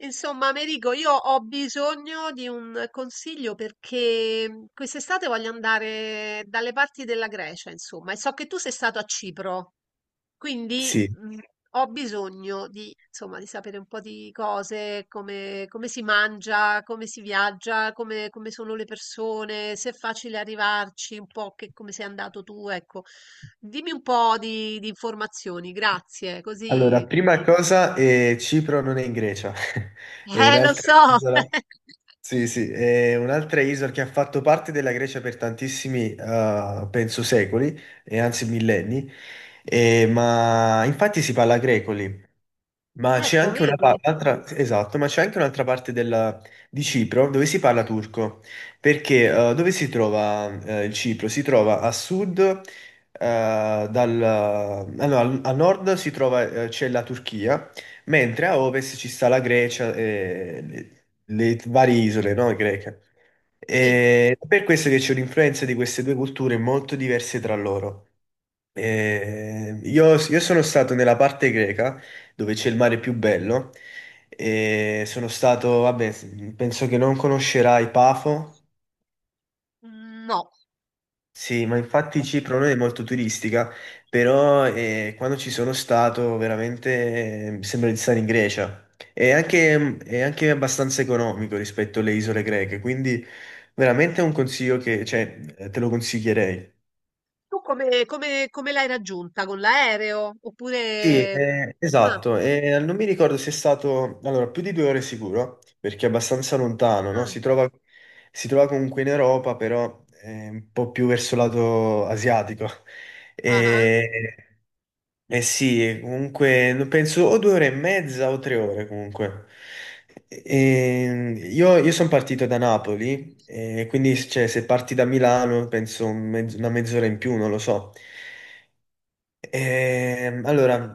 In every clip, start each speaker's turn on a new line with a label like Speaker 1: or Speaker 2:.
Speaker 1: Insomma, Americo, io ho bisogno di un consiglio perché quest'estate voglio andare dalle parti della Grecia, insomma, e so che tu sei stato a Cipro, quindi
Speaker 2: Sì,
Speaker 1: ho bisogno di, insomma, di sapere un po' di cose, come si mangia, come si viaggia, come sono le persone, se è facile arrivarci, un po' che, come sei andato tu, ecco. Dimmi un po' di informazioni, grazie,
Speaker 2: allora,
Speaker 1: così.
Speaker 2: prima cosa, Cipro non è in Grecia, è
Speaker 1: Lo
Speaker 2: un'altra
Speaker 1: so!
Speaker 2: isola. Sì, sì, è un'altra isola che ha fatto parte della Grecia per tantissimi, penso, secoli, e anzi millenni, ma infatti si parla greco lì. Ma c'è
Speaker 1: Ecco,
Speaker 2: anche una pa-
Speaker 1: vedi?
Speaker 2: Un'altra, esatto, ma c'è anche di Cipro dove si parla turco, perché dove si trova, il Cipro? Si trova a sud, dal, ah, no, al, a nord si trova, c'è la Turchia, mentre a ovest ci sta la Grecia e le varie isole, no, greche.
Speaker 1: Sì,
Speaker 2: E per questo che c'è un'influenza di queste due culture molto diverse tra loro. Io sono stato nella parte greca dove c'è il mare più bello. E sono stato, vabbè, penso che non conoscerai Pafo.
Speaker 1: mhmm, no.
Speaker 2: Sì, ma infatti Cipro non è molto turistica, però quando ci sono stato veramente mi sembra di stare in Grecia. È anche abbastanza economico rispetto alle isole greche, quindi veramente è un consiglio che, cioè, te lo consiglierei.
Speaker 1: Tu come l'hai raggiunta? Con l'aereo?
Speaker 2: Sì,
Speaker 1: Oppure. Sì. Ah,
Speaker 2: esatto, e non mi ricordo se è stato, allora, più di due ore sicuro, perché è abbastanza lontano, no?
Speaker 1: ah,
Speaker 2: Si trova comunque in Europa, però un po' più verso lato asiatico.
Speaker 1: ah-ah.
Speaker 2: E, eh sì, comunque no, penso o due ore e mezza o tre ore comunque. Io sono partito da Napoli, e quindi cioè, se parti da Milano penso una mezz'ora in più, non lo so. Allora,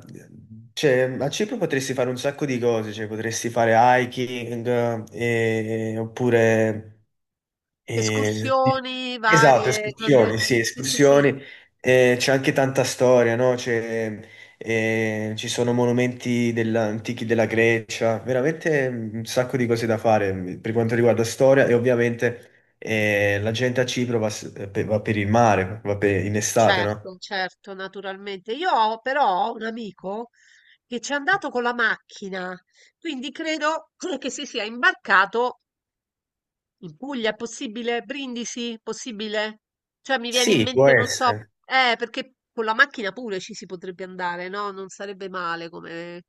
Speaker 2: cioè, a Cipro potresti fare un sacco di cose, cioè, potresti fare hiking, oppure... sì.
Speaker 1: Escursioni
Speaker 2: Esatto,
Speaker 1: varie, cose.
Speaker 2: escursioni, sì,
Speaker 1: Sì, sì, sì.
Speaker 2: escursioni. C'è anche tanta storia, no? C'è, ci sono antichi della Grecia, veramente un sacco di cose da fare, per quanto riguarda storia, e ovviamente la gente a Cipro va, va per il mare, in estate, no?
Speaker 1: Certo, certo, naturalmente. Io ho però ho un amico che c'è andato con la macchina, quindi credo che si sia imbarcato. In Puglia è possibile? Brindisi? Possibile? Cioè mi viene in
Speaker 2: Sì, può
Speaker 1: mente, non so,
Speaker 2: essere.
Speaker 1: perché con la macchina pure ci si potrebbe andare, no? Non sarebbe male come.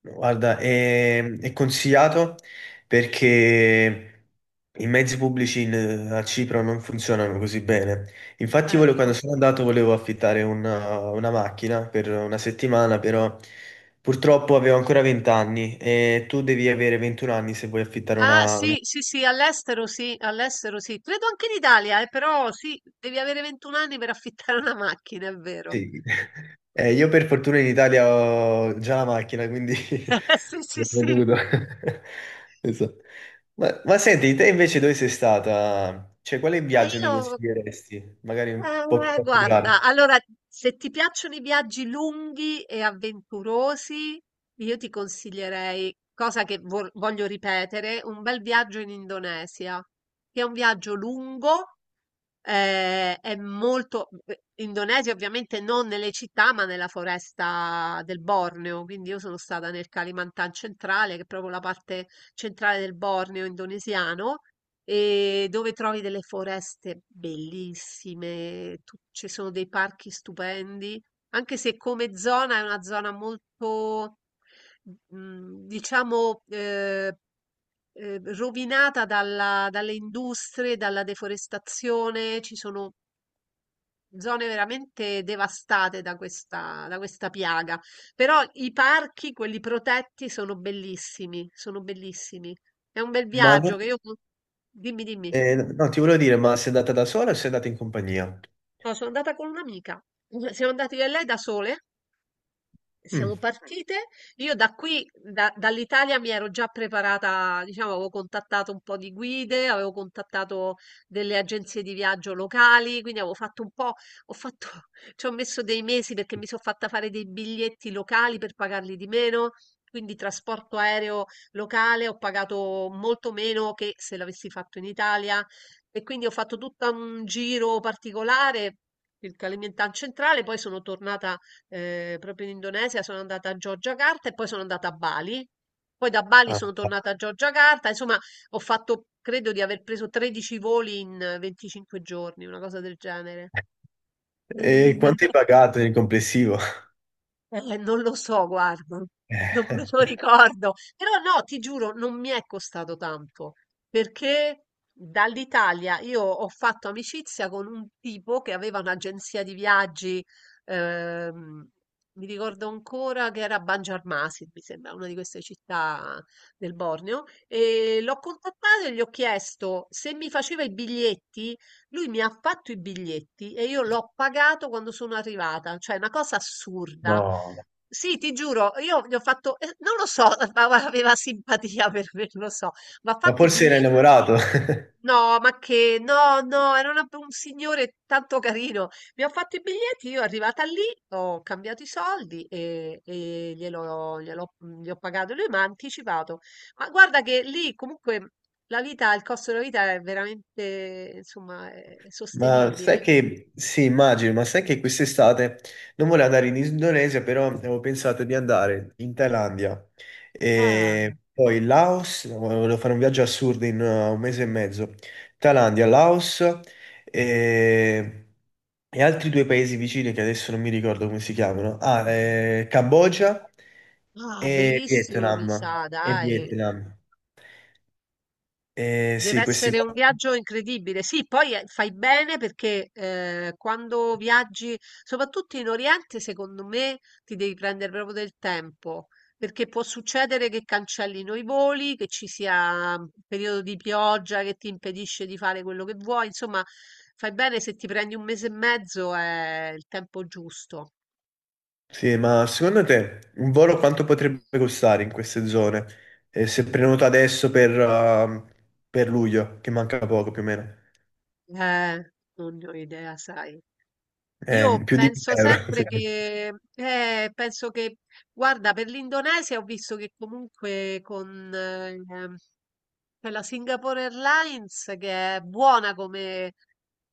Speaker 2: Guarda, è consigliato perché i mezzi pubblici a Cipro non funzionano così bene. Infatti,
Speaker 1: Ecco.
Speaker 2: quando sono andato volevo affittare una macchina per una settimana, però purtroppo avevo ancora 20 anni e tu devi avere 21 anni se vuoi affittare
Speaker 1: Ah,
Speaker 2: una.
Speaker 1: sì, sì, sì, all'estero sì, all'estero sì. Credo anche in Italia, però sì, devi avere 21 anni per affittare una macchina, è vero.
Speaker 2: Sì. Io per fortuna in Italia ho già la macchina, quindi
Speaker 1: Sì, sì,
Speaker 2: l'ho
Speaker 1: sì.
Speaker 2: veduto. Esatto. Ma senti, te invece dove sei stata? Cioè, quale
Speaker 1: Ma
Speaker 2: viaggio mi
Speaker 1: io
Speaker 2: consiglieresti? Magari un po' più
Speaker 1: Guarda,
Speaker 2: particolare.
Speaker 1: allora, se ti piacciono i viaggi lunghi e avventurosi, io ti consiglierei, cosa che voglio ripetere, un bel viaggio in Indonesia, che è un viaggio lungo. È molto beh, Indonesia ovviamente non nelle città, ma nella foresta del Borneo, quindi io sono stata nel Kalimantan centrale, che è proprio la parte centrale del Borneo indonesiano, e dove trovi delle foreste bellissime, ci sono dei parchi stupendi, anche se come zona è una zona molto, diciamo, rovinata dalle industrie, dalla deforestazione, ci sono zone veramente devastate da questa piaga. Però i parchi, quelli protetti, sono bellissimi, sono bellissimi. È un bel
Speaker 2: Ma
Speaker 1: viaggio
Speaker 2: non-
Speaker 1: che io... Dimmi, dimmi.
Speaker 2: no, Ti volevo dire, ma sei andata da sola o sei andata in compagnia?
Speaker 1: No, sono andata con un'amica. Siamo andati io e lei da sole.
Speaker 2: Mm.
Speaker 1: Siamo partite. Io da qui, dall'Italia, mi ero già preparata, diciamo, avevo contattato un po' di guide, avevo contattato delle agenzie di viaggio locali, quindi avevo fatto un po', ho fatto, ci ho messo dei mesi perché mi sono fatta fare dei biglietti locali per pagarli di meno, quindi trasporto aereo locale ho pagato molto meno che se l'avessi fatto in Italia e quindi ho fatto tutto un giro particolare. Il Kalimantan centrale, poi sono tornata proprio in Indonesia, sono andata a Giorgiacarta e poi sono andata a Bali. Poi da Bali
Speaker 2: Ah.
Speaker 1: sono
Speaker 2: Ah.
Speaker 1: tornata a Giorgiacarta, insomma, ho fatto, credo di aver preso 13 voli in 25 giorni, una cosa del genere.
Speaker 2: E quanto hai pagato nel complessivo?
Speaker 1: Non lo so, guarda, non me lo
Speaker 2: Eh,
Speaker 1: ricordo, però no, ti giuro, non mi è costato tanto, perché dall'Italia io ho fatto amicizia con un tipo che aveva un'agenzia di viaggi, ehm, mi ricordo ancora che era a Banjarmasin, mi sembra, una di queste città del Borneo, e l'ho contattato e gli ho chiesto se mi faceva i biglietti. Lui mi ha fatto i biglietti e io l'ho pagato quando sono arrivata, cioè è una cosa assurda.
Speaker 2: no,
Speaker 1: Sì, ti giuro, io gli ho fatto, non lo so, ma aveva simpatia per me, non lo so, ma ha
Speaker 2: ma
Speaker 1: fatto i
Speaker 2: forse l'hai
Speaker 1: biglietti.
Speaker 2: lavorato.
Speaker 1: No, ma che? No, no, era un signore tanto carino. Mi ha fatto i biglietti, io arrivata lì, ho cambiato i soldi e gli ho pagato, lui mi ha anticipato. Ma guarda che lì comunque la vita, il costo della vita è veramente, insomma, è
Speaker 2: Ma sai
Speaker 1: sostenibile.
Speaker 2: che, sì, immagino, ma sai che quest'estate non volevo andare in Indonesia, però avevo pensato di andare in Thailandia
Speaker 1: Ah,
Speaker 2: e poi Laos, volevo fare un viaggio assurdo in un mese e mezzo, Thailandia, Laos e, e altri due paesi vicini che adesso non mi ricordo come si chiamano, Cambogia
Speaker 1: ah,
Speaker 2: e
Speaker 1: bellissimo, mi
Speaker 2: Vietnam,
Speaker 1: sa, dai.
Speaker 2: Eh,
Speaker 1: Deve
Speaker 2: sì, questi
Speaker 1: essere un
Speaker 2: qua.
Speaker 1: viaggio incredibile. Sì, poi fai bene perché quando viaggi, soprattutto in Oriente, secondo me ti devi prendere proprio del tempo, perché può succedere che cancellino i voli, che ci sia un periodo di pioggia che ti impedisce di fare quello che vuoi. Insomma, fai bene se ti prendi un mese e mezzo è il tempo giusto.
Speaker 2: Sì, ma secondo te un volo quanto potrebbe costare in queste zone? Se prenoto adesso per luglio, che manca poco più o meno,
Speaker 1: Non ne ho idea, sai.
Speaker 2: eh,
Speaker 1: Io
Speaker 2: più di 1000
Speaker 1: penso
Speaker 2: euro.
Speaker 1: sempre
Speaker 2: Sì.
Speaker 1: che, penso che, guarda, per l'Indonesia ho visto che comunque con quella Singapore Airlines, che è buona come,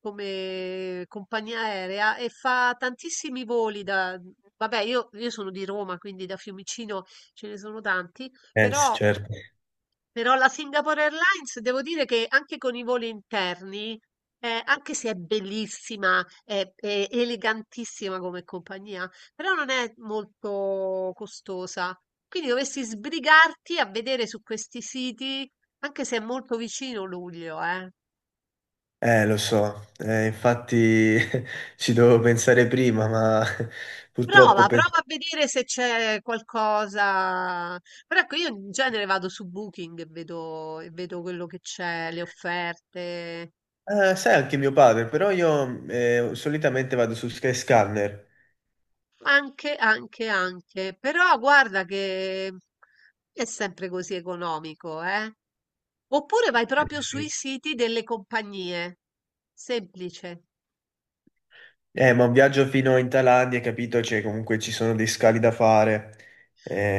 Speaker 1: come compagnia aerea e fa tantissimi voli da... Vabbè, io sono di Roma, quindi da Fiumicino ce ne sono tanti,
Speaker 2: Sì,
Speaker 1: però
Speaker 2: certo.
Speaker 1: però la Singapore Airlines, devo dire che anche con i voli interni, anche se è bellissima, è elegantissima come compagnia, però non è molto costosa. Quindi dovresti sbrigarti a vedere su questi siti, anche se è molto vicino luglio, eh.
Speaker 2: Lo so, infatti ci dovevo pensare prima, ma purtroppo
Speaker 1: Prova, prova
Speaker 2: penso...
Speaker 1: a vedere se c'è qualcosa. Però ecco, io in genere vado su Booking e vedo quello che c'è, le offerte.
Speaker 2: Sai anche mio padre, però io solitamente vado su Skyscanner.
Speaker 1: Anche, anche, anche, però guarda che è sempre così economico, eh? Oppure vai proprio sui
Speaker 2: Sì.
Speaker 1: siti delle compagnie. Semplice.
Speaker 2: Ma un viaggio fino in Thailandia, hai capito? Cioè, comunque ci sono dei scali da fare.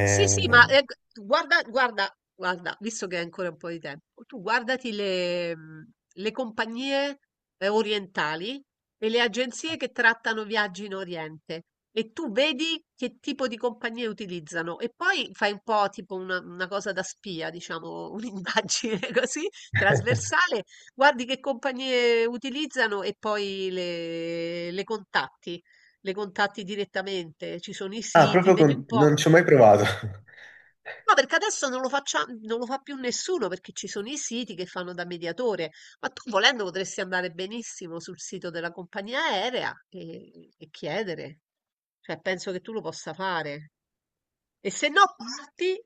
Speaker 1: Sì, sì, ma, g guarda guarda guarda, visto che hai ancora un po' di tempo, tu guardati le le compagnie, orientali e le agenzie che trattano viaggi in Oriente e tu vedi che tipo di compagnie utilizzano e poi fai un po' tipo una cosa da spia, diciamo, un'indagine così trasversale, guardi che compagnie utilizzano e poi le contatti, le contatti direttamente, ci sono i
Speaker 2: Ah,
Speaker 1: siti,
Speaker 2: proprio
Speaker 1: vedi un
Speaker 2: con...
Speaker 1: po'.
Speaker 2: non ci ho mai provato.
Speaker 1: No, perché adesso non lo fa più nessuno, perché ci sono i siti che fanno da mediatore, ma tu volendo potresti andare benissimo sul sito della compagnia aerea e chiedere. Cioè, penso che tu lo possa fare. E se no, parti,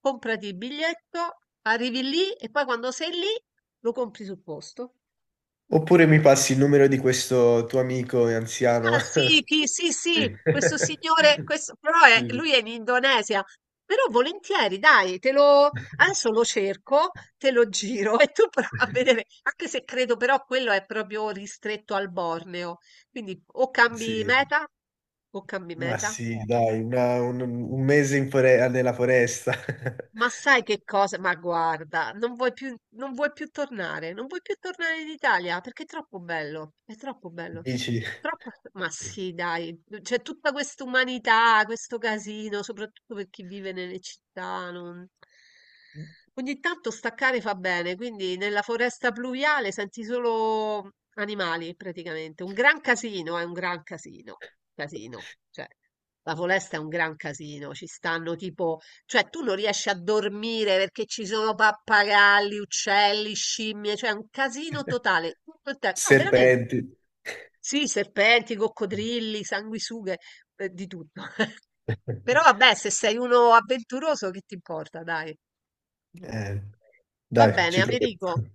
Speaker 1: comprati il biglietto, arrivi lì e poi quando sei lì lo compri sul posto.
Speaker 2: Oppure mi passi il numero di questo tuo amico anziano?
Speaker 1: Ah sì, chi? Sì, sì, questo signore, questo, però è,
Speaker 2: Sì, sì.
Speaker 1: lui è in Indonesia. Però volentieri, dai, adesso lo cerco, te lo giro e tu prova a vedere, anche se credo però quello è proprio ristretto al Borneo. Quindi o
Speaker 2: Sì.
Speaker 1: cambi meta o cambi
Speaker 2: Ma
Speaker 1: meta.
Speaker 2: sì, dai, un mese nella foresta.
Speaker 1: Ma sai che cosa? Ma guarda, non vuoi più tornare in Italia perché è troppo bello, è troppo bello.
Speaker 2: Dici,
Speaker 1: Troppo... Ma sì, dai, c'è tutta questa umanità, questo casino, soprattutto per chi vive nelle città. Ogni tanto staccare fa bene, quindi nella foresta pluviale senti solo animali praticamente. Un gran casino, è un gran casino, casino. Cioè, la foresta è un gran casino, ci stanno tipo cioè, tu non riesci a dormire perché ci sono pappagalli, uccelli, scimmie, cioè è un casino totale. Tutto il tempo. No, veramente.
Speaker 2: serpenti.
Speaker 1: Sì, serpenti, coccodrilli, sanguisughe, di tutto. Però vabbè, se sei uno avventuroso, che ti importa, dai.
Speaker 2: Eh.
Speaker 1: Va
Speaker 2: Dai,
Speaker 1: bene,
Speaker 2: ci proviamo.
Speaker 1: Americo.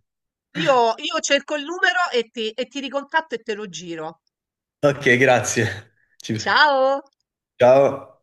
Speaker 1: Io cerco il numero e ti ricontatto e te lo giro.
Speaker 2: Ok, grazie. Ci-
Speaker 1: Ciao!
Speaker 2: Ciao.